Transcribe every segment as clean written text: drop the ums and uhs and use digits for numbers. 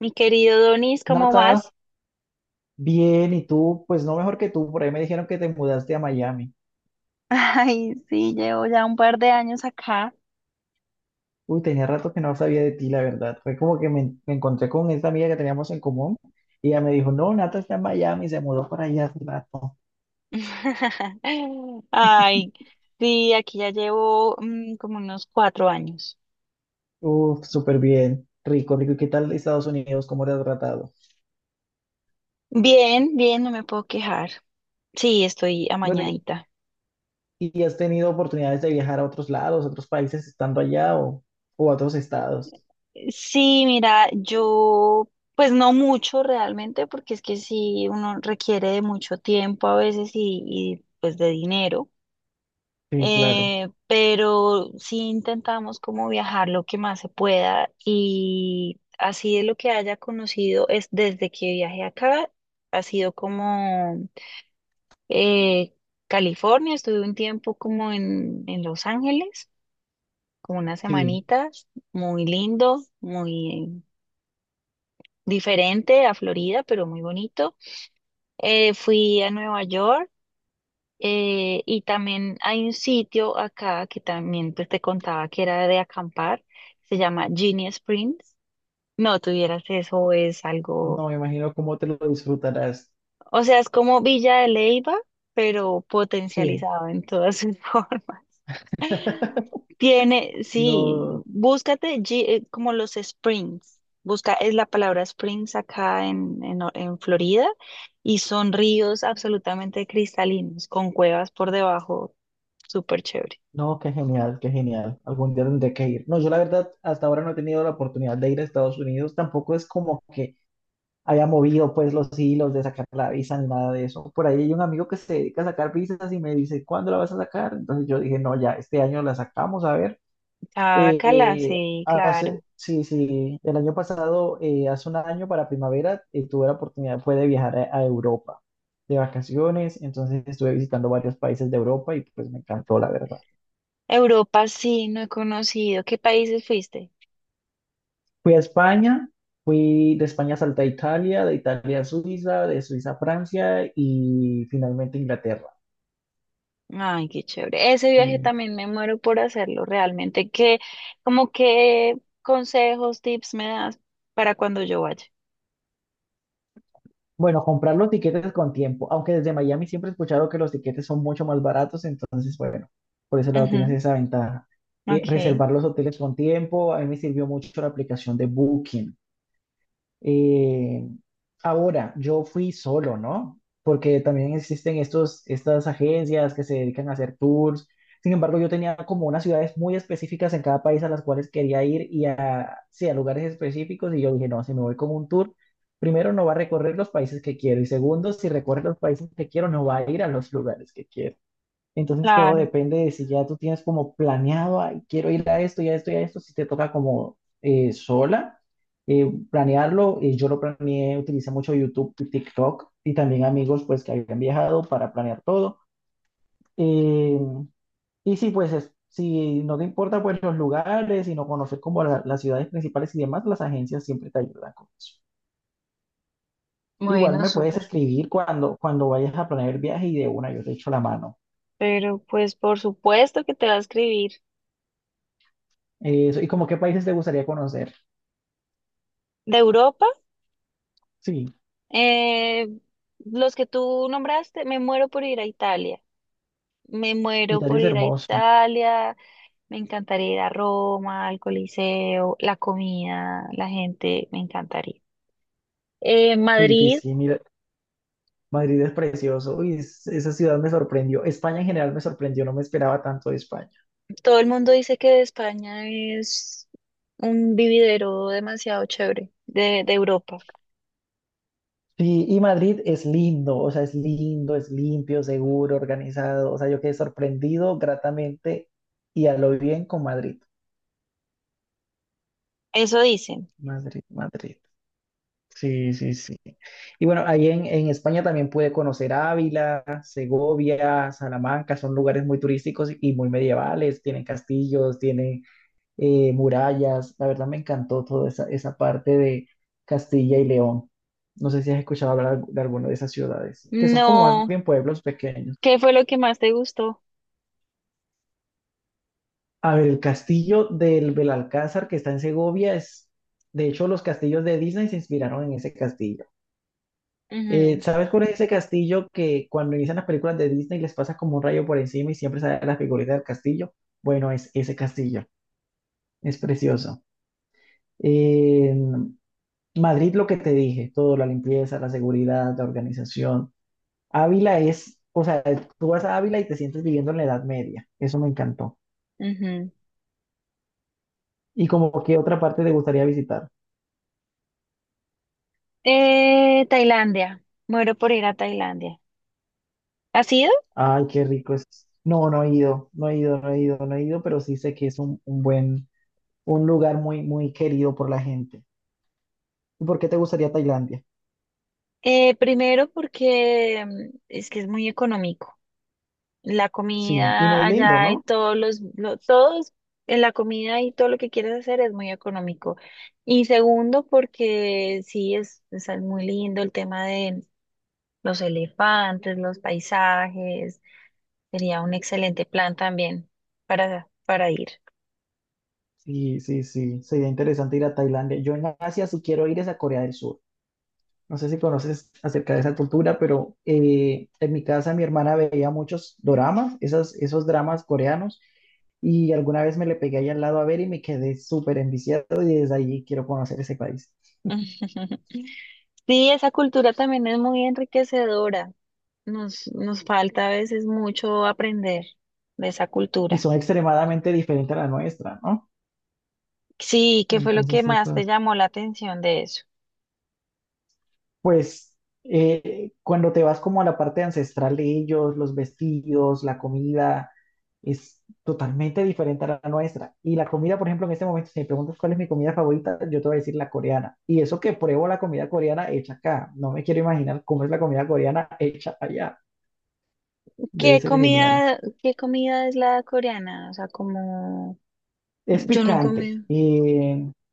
Mi querido Donis, ¿cómo Nata, vas? bien, y tú, pues no mejor que tú, por ahí me dijeron que te mudaste a Miami. Ay, sí, llevo ya un par de años acá. Uy, tenía rato que no sabía de ti, la verdad. Fue como que me encontré con esta amiga que teníamos en común y ella me dijo, no, Nata está en Miami, se mudó para allá hace rato. Ay, sí, aquí ya llevo como unos 4 años. Uf, súper bien, rico, rico. ¿Y qué tal Estados Unidos? ¿Cómo te ha tratado? Bien, bien, no me puedo quejar. Sí, estoy Bueno, ¿y, amañadita. y has tenido oportunidades de viajar a otros lados, a otros países estando allá o a otros estados? Sí, mira, pues no mucho realmente, porque es que sí, uno requiere de mucho tiempo a veces y pues de dinero. Sí, claro, Pero sí intentamos como viajar lo que más se pueda y así de lo que haya conocido es desde que viajé acá, ha sido como eh, California. Estuve un tiempo como en Los Ángeles, como unas sí. semanitas, muy lindo, muy diferente a Florida, pero muy bonito. Fui a Nueva York. Y también hay un sitio acá que también pues, te contaba que era de acampar, se llama Genie Springs. No tuvieras eso, es algo, No, me imagino cómo te lo disfrutarás. o sea, es como Villa de Leyva, pero Sí. potencializado en todas sus formas. Tiene, sí, No. búscate como los Springs. Busca, es la palabra Springs acá en Florida, y son ríos absolutamente cristalinos, con cuevas por debajo, súper chévere. No, qué genial, qué genial. Algún día tendré que ir. No, yo la verdad hasta ahora no he tenido la oportunidad de ir a Estados Unidos. Tampoco es como que haya movido pues los hilos de sacar la visa ni nada de eso. Por ahí hay un amigo que se dedica a sacar visas y me dice, ¿cuándo la vas a sacar? Entonces yo dije, no, ya, este año la sacamos, a ver. Ah, Cala, sí, Hace, claro. sí, sí, el año pasado, hace un año para primavera, tuve la oportunidad, fue de viajar a Europa de vacaciones. Entonces estuve visitando varios países de Europa y pues me encantó, la verdad. Europa sí, no he conocido. ¿Qué países fuiste? Fui a España, fui de España salté a Italia, de Italia a Suiza, de Suiza a Francia y finalmente Inglaterra. Ay, qué chévere. Ese viaje Eh, también me muero por hacerlo, realmente. ¿Qué, como qué consejos, tips me das para cuando yo vaya? bueno, comprar los tiquetes con tiempo, aunque desde Miami siempre he escuchado que los tiquetes son mucho más baratos, entonces bueno, por ese lado tienes Ujú. esa ventaja. Ok, Reservar los hoteles con tiempo, a mí me sirvió mucho la aplicación de Booking. Eh, ahora, yo fui solo, ¿no? Porque también existen estas agencias que se dedican a hacer tours. Sin embargo, yo tenía como unas ciudades muy específicas en cada país a las cuales quería ir y a, sí, a lugares específicos. Y yo dije, no, si me voy con un tour, primero no va a recorrer los países que quiero y segundo, si recorre los países que quiero, no va a ir a los lugares que quiero. Entonces todo claro. depende de si ya tú tienes como planeado, "Ay, quiero ir a esto y a esto y a esto", si te toca como sola planearlo. Yo lo planeé, utilicé mucho YouTube y TikTok y también amigos pues que habían viajado para planear todo. Eh, y sí, pues si no te importa pues los lugares, sino conocer como las ciudades principales y demás, las agencias siempre te ayudan con eso. Igual Bueno, me puedes súper. escribir cuando vayas a planear el viaje y de una yo te echo la mano. Pero pues por supuesto que te va a escribir. Y como qué países te gustaría conocer. De Europa, Sí. eh, los que tú nombraste, me muero por ir a Italia. Me muero Italia por es ir a hermoso. Italia. Me encantaría ir a Roma, al Coliseo, la comida, la gente, me encantaría. Sí, sí, Madrid, sí, mira, Madrid es precioso. Uy, esa ciudad me sorprendió. España en general me sorprendió, no me esperaba tanto de España. todo el mundo dice que España es un vividero demasiado chévere de Europa. Sí, y Madrid es lindo, o sea, es lindo, es limpio, seguro, organizado. O sea, yo quedé sorprendido gratamente y a lo bien con Madrid. Eso dicen. Madrid, Madrid. Sí, sí, sí. Y bueno, ahí en España también pude conocer Ávila, Segovia, Salamanca, son lugares muy turísticos y muy medievales, tienen castillos, tienen murallas. La verdad me encantó toda esa parte de Castilla y León. No sé si has escuchado hablar de alguna de esas ciudades, que son como más No, bien pueblos ¿qué pequeños. fue lo que más te gustó? A ver, el castillo del Belalcázar que está en Segovia es, de hecho, los castillos de Disney se inspiraron en ese castillo. Ujú, ¿Sabes cuál es ese castillo que cuando inician las películas de Disney les pasa como un rayo por encima y siempre sale la figurita del castillo? Bueno, es ese castillo, es precioso. Eh, Madrid, lo que te dije, todo, la limpieza, la seguridad, la organización. Ávila es, o sea, tú vas a Ávila y te sientes viviendo en la Edad Media. Eso me encantó. ujú. ¿Y como qué otra parte te gustaría visitar? Tailandia, muero por ir a Tailandia. ¿Has ido? Ay, qué rico es. No, no he ido, no he ido, no he ido, no he ido, pero sí sé que es un buen, un lugar muy, muy querido por la gente. ¿Y por qué te gustaría Tailandia? Primero porque es que es muy económico, la Sí, y comida muy lindo, allá y ¿no? todos todos en la comida y todo lo que quieras hacer es muy económico. Y segundo, porque sí es muy lindo el tema de los elefantes, los paisajes, sería un excelente plan también para ir. Sí, sí, sí, sería interesante ir a Tailandia. Yo en Asia sí quiero ir es a Corea del Sur. No sé si conoces acerca de esa cultura, pero en mi casa mi hermana veía muchos doramas, esos dramas coreanos, y alguna vez me le pegué ahí al lado a ver y me quedé súper enviciado y desde allí quiero conocer ese país. Sí, esa cultura también es muy enriquecedora. Nos falta a veces mucho aprender de esa Y cultura. son extremadamente diferentes a la nuestra, ¿no? Sí, ¿qué fue lo Entonces, que eso. más te llamó la atención de eso? Pues cuando te vas como a la parte ancestral de ellos, los vestidos, la comida, es totalmente diferente a la nuestra. Y la comida, por ejemplo, en este momento, si me preguntas cuál es mi comida favorita, yo te voy a decir la coreana. Y eso que pruebo la comida coreana hecha acá. No me quiero imaginar cómo es la comida coreana hecha allá. Debe ser genial. Qué comida es la coreana? O sea, como Es yo no picante. comí Y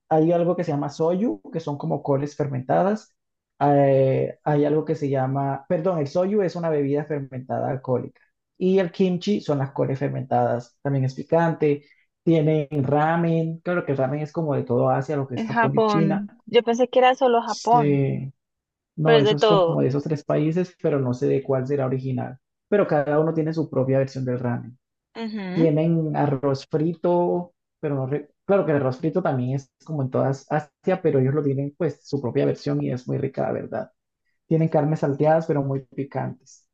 hay algo que se llama soyu, que son como coles fermentadas. Hay algo que se llama, perdón, el soyu es una bebida fermentada alcohólica. Y el kimchi son las coles fermentadas. También es picante. Tienen ramen. Claro que el ramen es como de todo Asia, lo que es en Japón y China. Japón. Yo pensé que era solo Japón, Sí. pero No, es de eso es como todo. de esos tres países, pero no sé de cuál será original. Pero cada uno tiene su propia versión del ramen. Ujú. Tienen arroz frito, pero no re- claro que el arroz frito también es como en todas Asia, pero ellos lo tienen pues su propia versión y es muy rica, la verdad. Tienen carnes salteadas, pero muy picantes.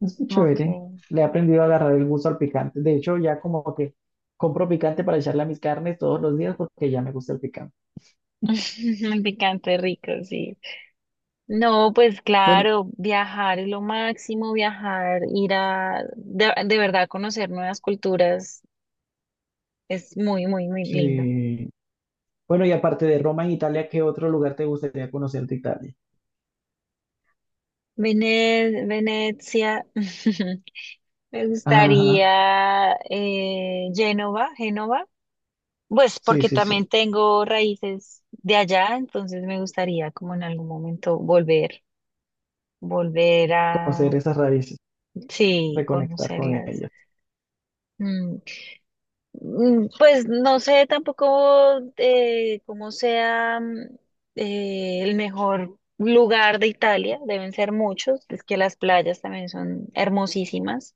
Es muy chévere. Okay. Le he aprendido a agarrar el gusto al picante. De hecho, ya como que compro picante para echarle a mis carnes todos los días porque ya me gusta el picante. Picante rico, sí. No, pues Bueno, claro, viajar es lo máximo, viajar, ir a de verdad conocer nuevas culturas es muy, muy, muy lindo. sí. Bueno, y aparte de Roma en Italia, ¿qué otro lugar te gustaría conocer de Italia? Venecia, me Ajá, gustaría Génova, Génova. Pues sí, porque sí, también sí. tengo raíces de allá, entonces me gustaría como en algún momento volver, volver Conocer a, esas raíces, sí, reconectar con conocerlas. ellas. Mm, pues no sé tampoco cómo sea, el mejor lugar de Italia, deben ser muchos, es que las playas también son hermosísimas,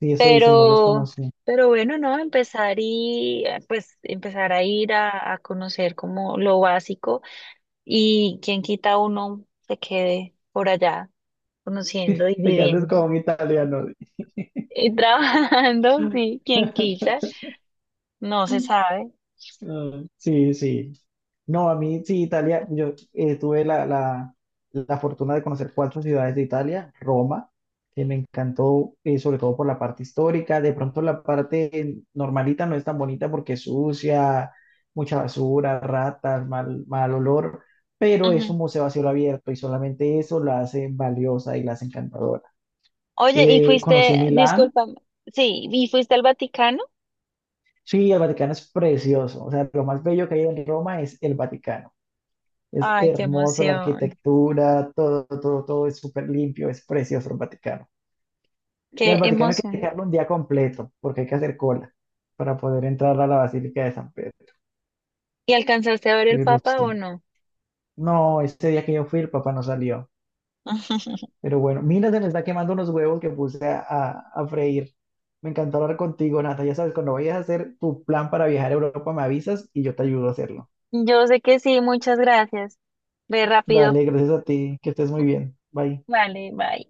Y eso dice, no los pero, conocí. pero bueno, no, empezar pues empezar a ir a conocer como lo básico. Y quien quita uno se quede por allá conociendo y Te quedaste viviendo como un italiano. y trabajando, sí, quien quita, no se sabe. Ah, sí, sí. No, a mí sí, Italia, yo tuve la fortuna de conocer cuatro ciudades de Italia, Roma, que me encantó, sobre todo por la parte histórica, de pronto la parte normalita no es tan bonita porque es sucia, mucha basura, ratas, mal, mal olor, pero es Ujú. un museo a cielo abierto y solamente eso la hace valiosa y la hace encantadora. Oye, ¿y fuiste, Conocí Milán. disculpa, sí, ¿y fuiste al Vaticano? Sí, el Vaticano es precioso. O sea, lo más bello que hay en Roma es el Vaticano. Es Ay, qué hermoso la emoción, arquitectura, todo, todo, todo es súper limpio, es precioso el Vaticano. Y al qué Vaticano hay que emoción. dejarlo un día completo, porque hay que hacer cola para poder entrar a la Basílica de San Pedro. ¿Y alcanzaste a ver el Pero Papa o sí. no? No, este día que yo fui, el papá no salió. Pero bueno, mira, se me está quemando unos huevos que puse a freír. Me encantó hablar contigo, Nata. Ya sabes, cuando vayas a hacer tu plan para viajar a Europa, me avisas y yo te ayudo a hacerlo. Yo sé que sí, muchas gracias. Ve rápido. Dale, gracias a ti, que estés muy bien. Bye. Vale, bye.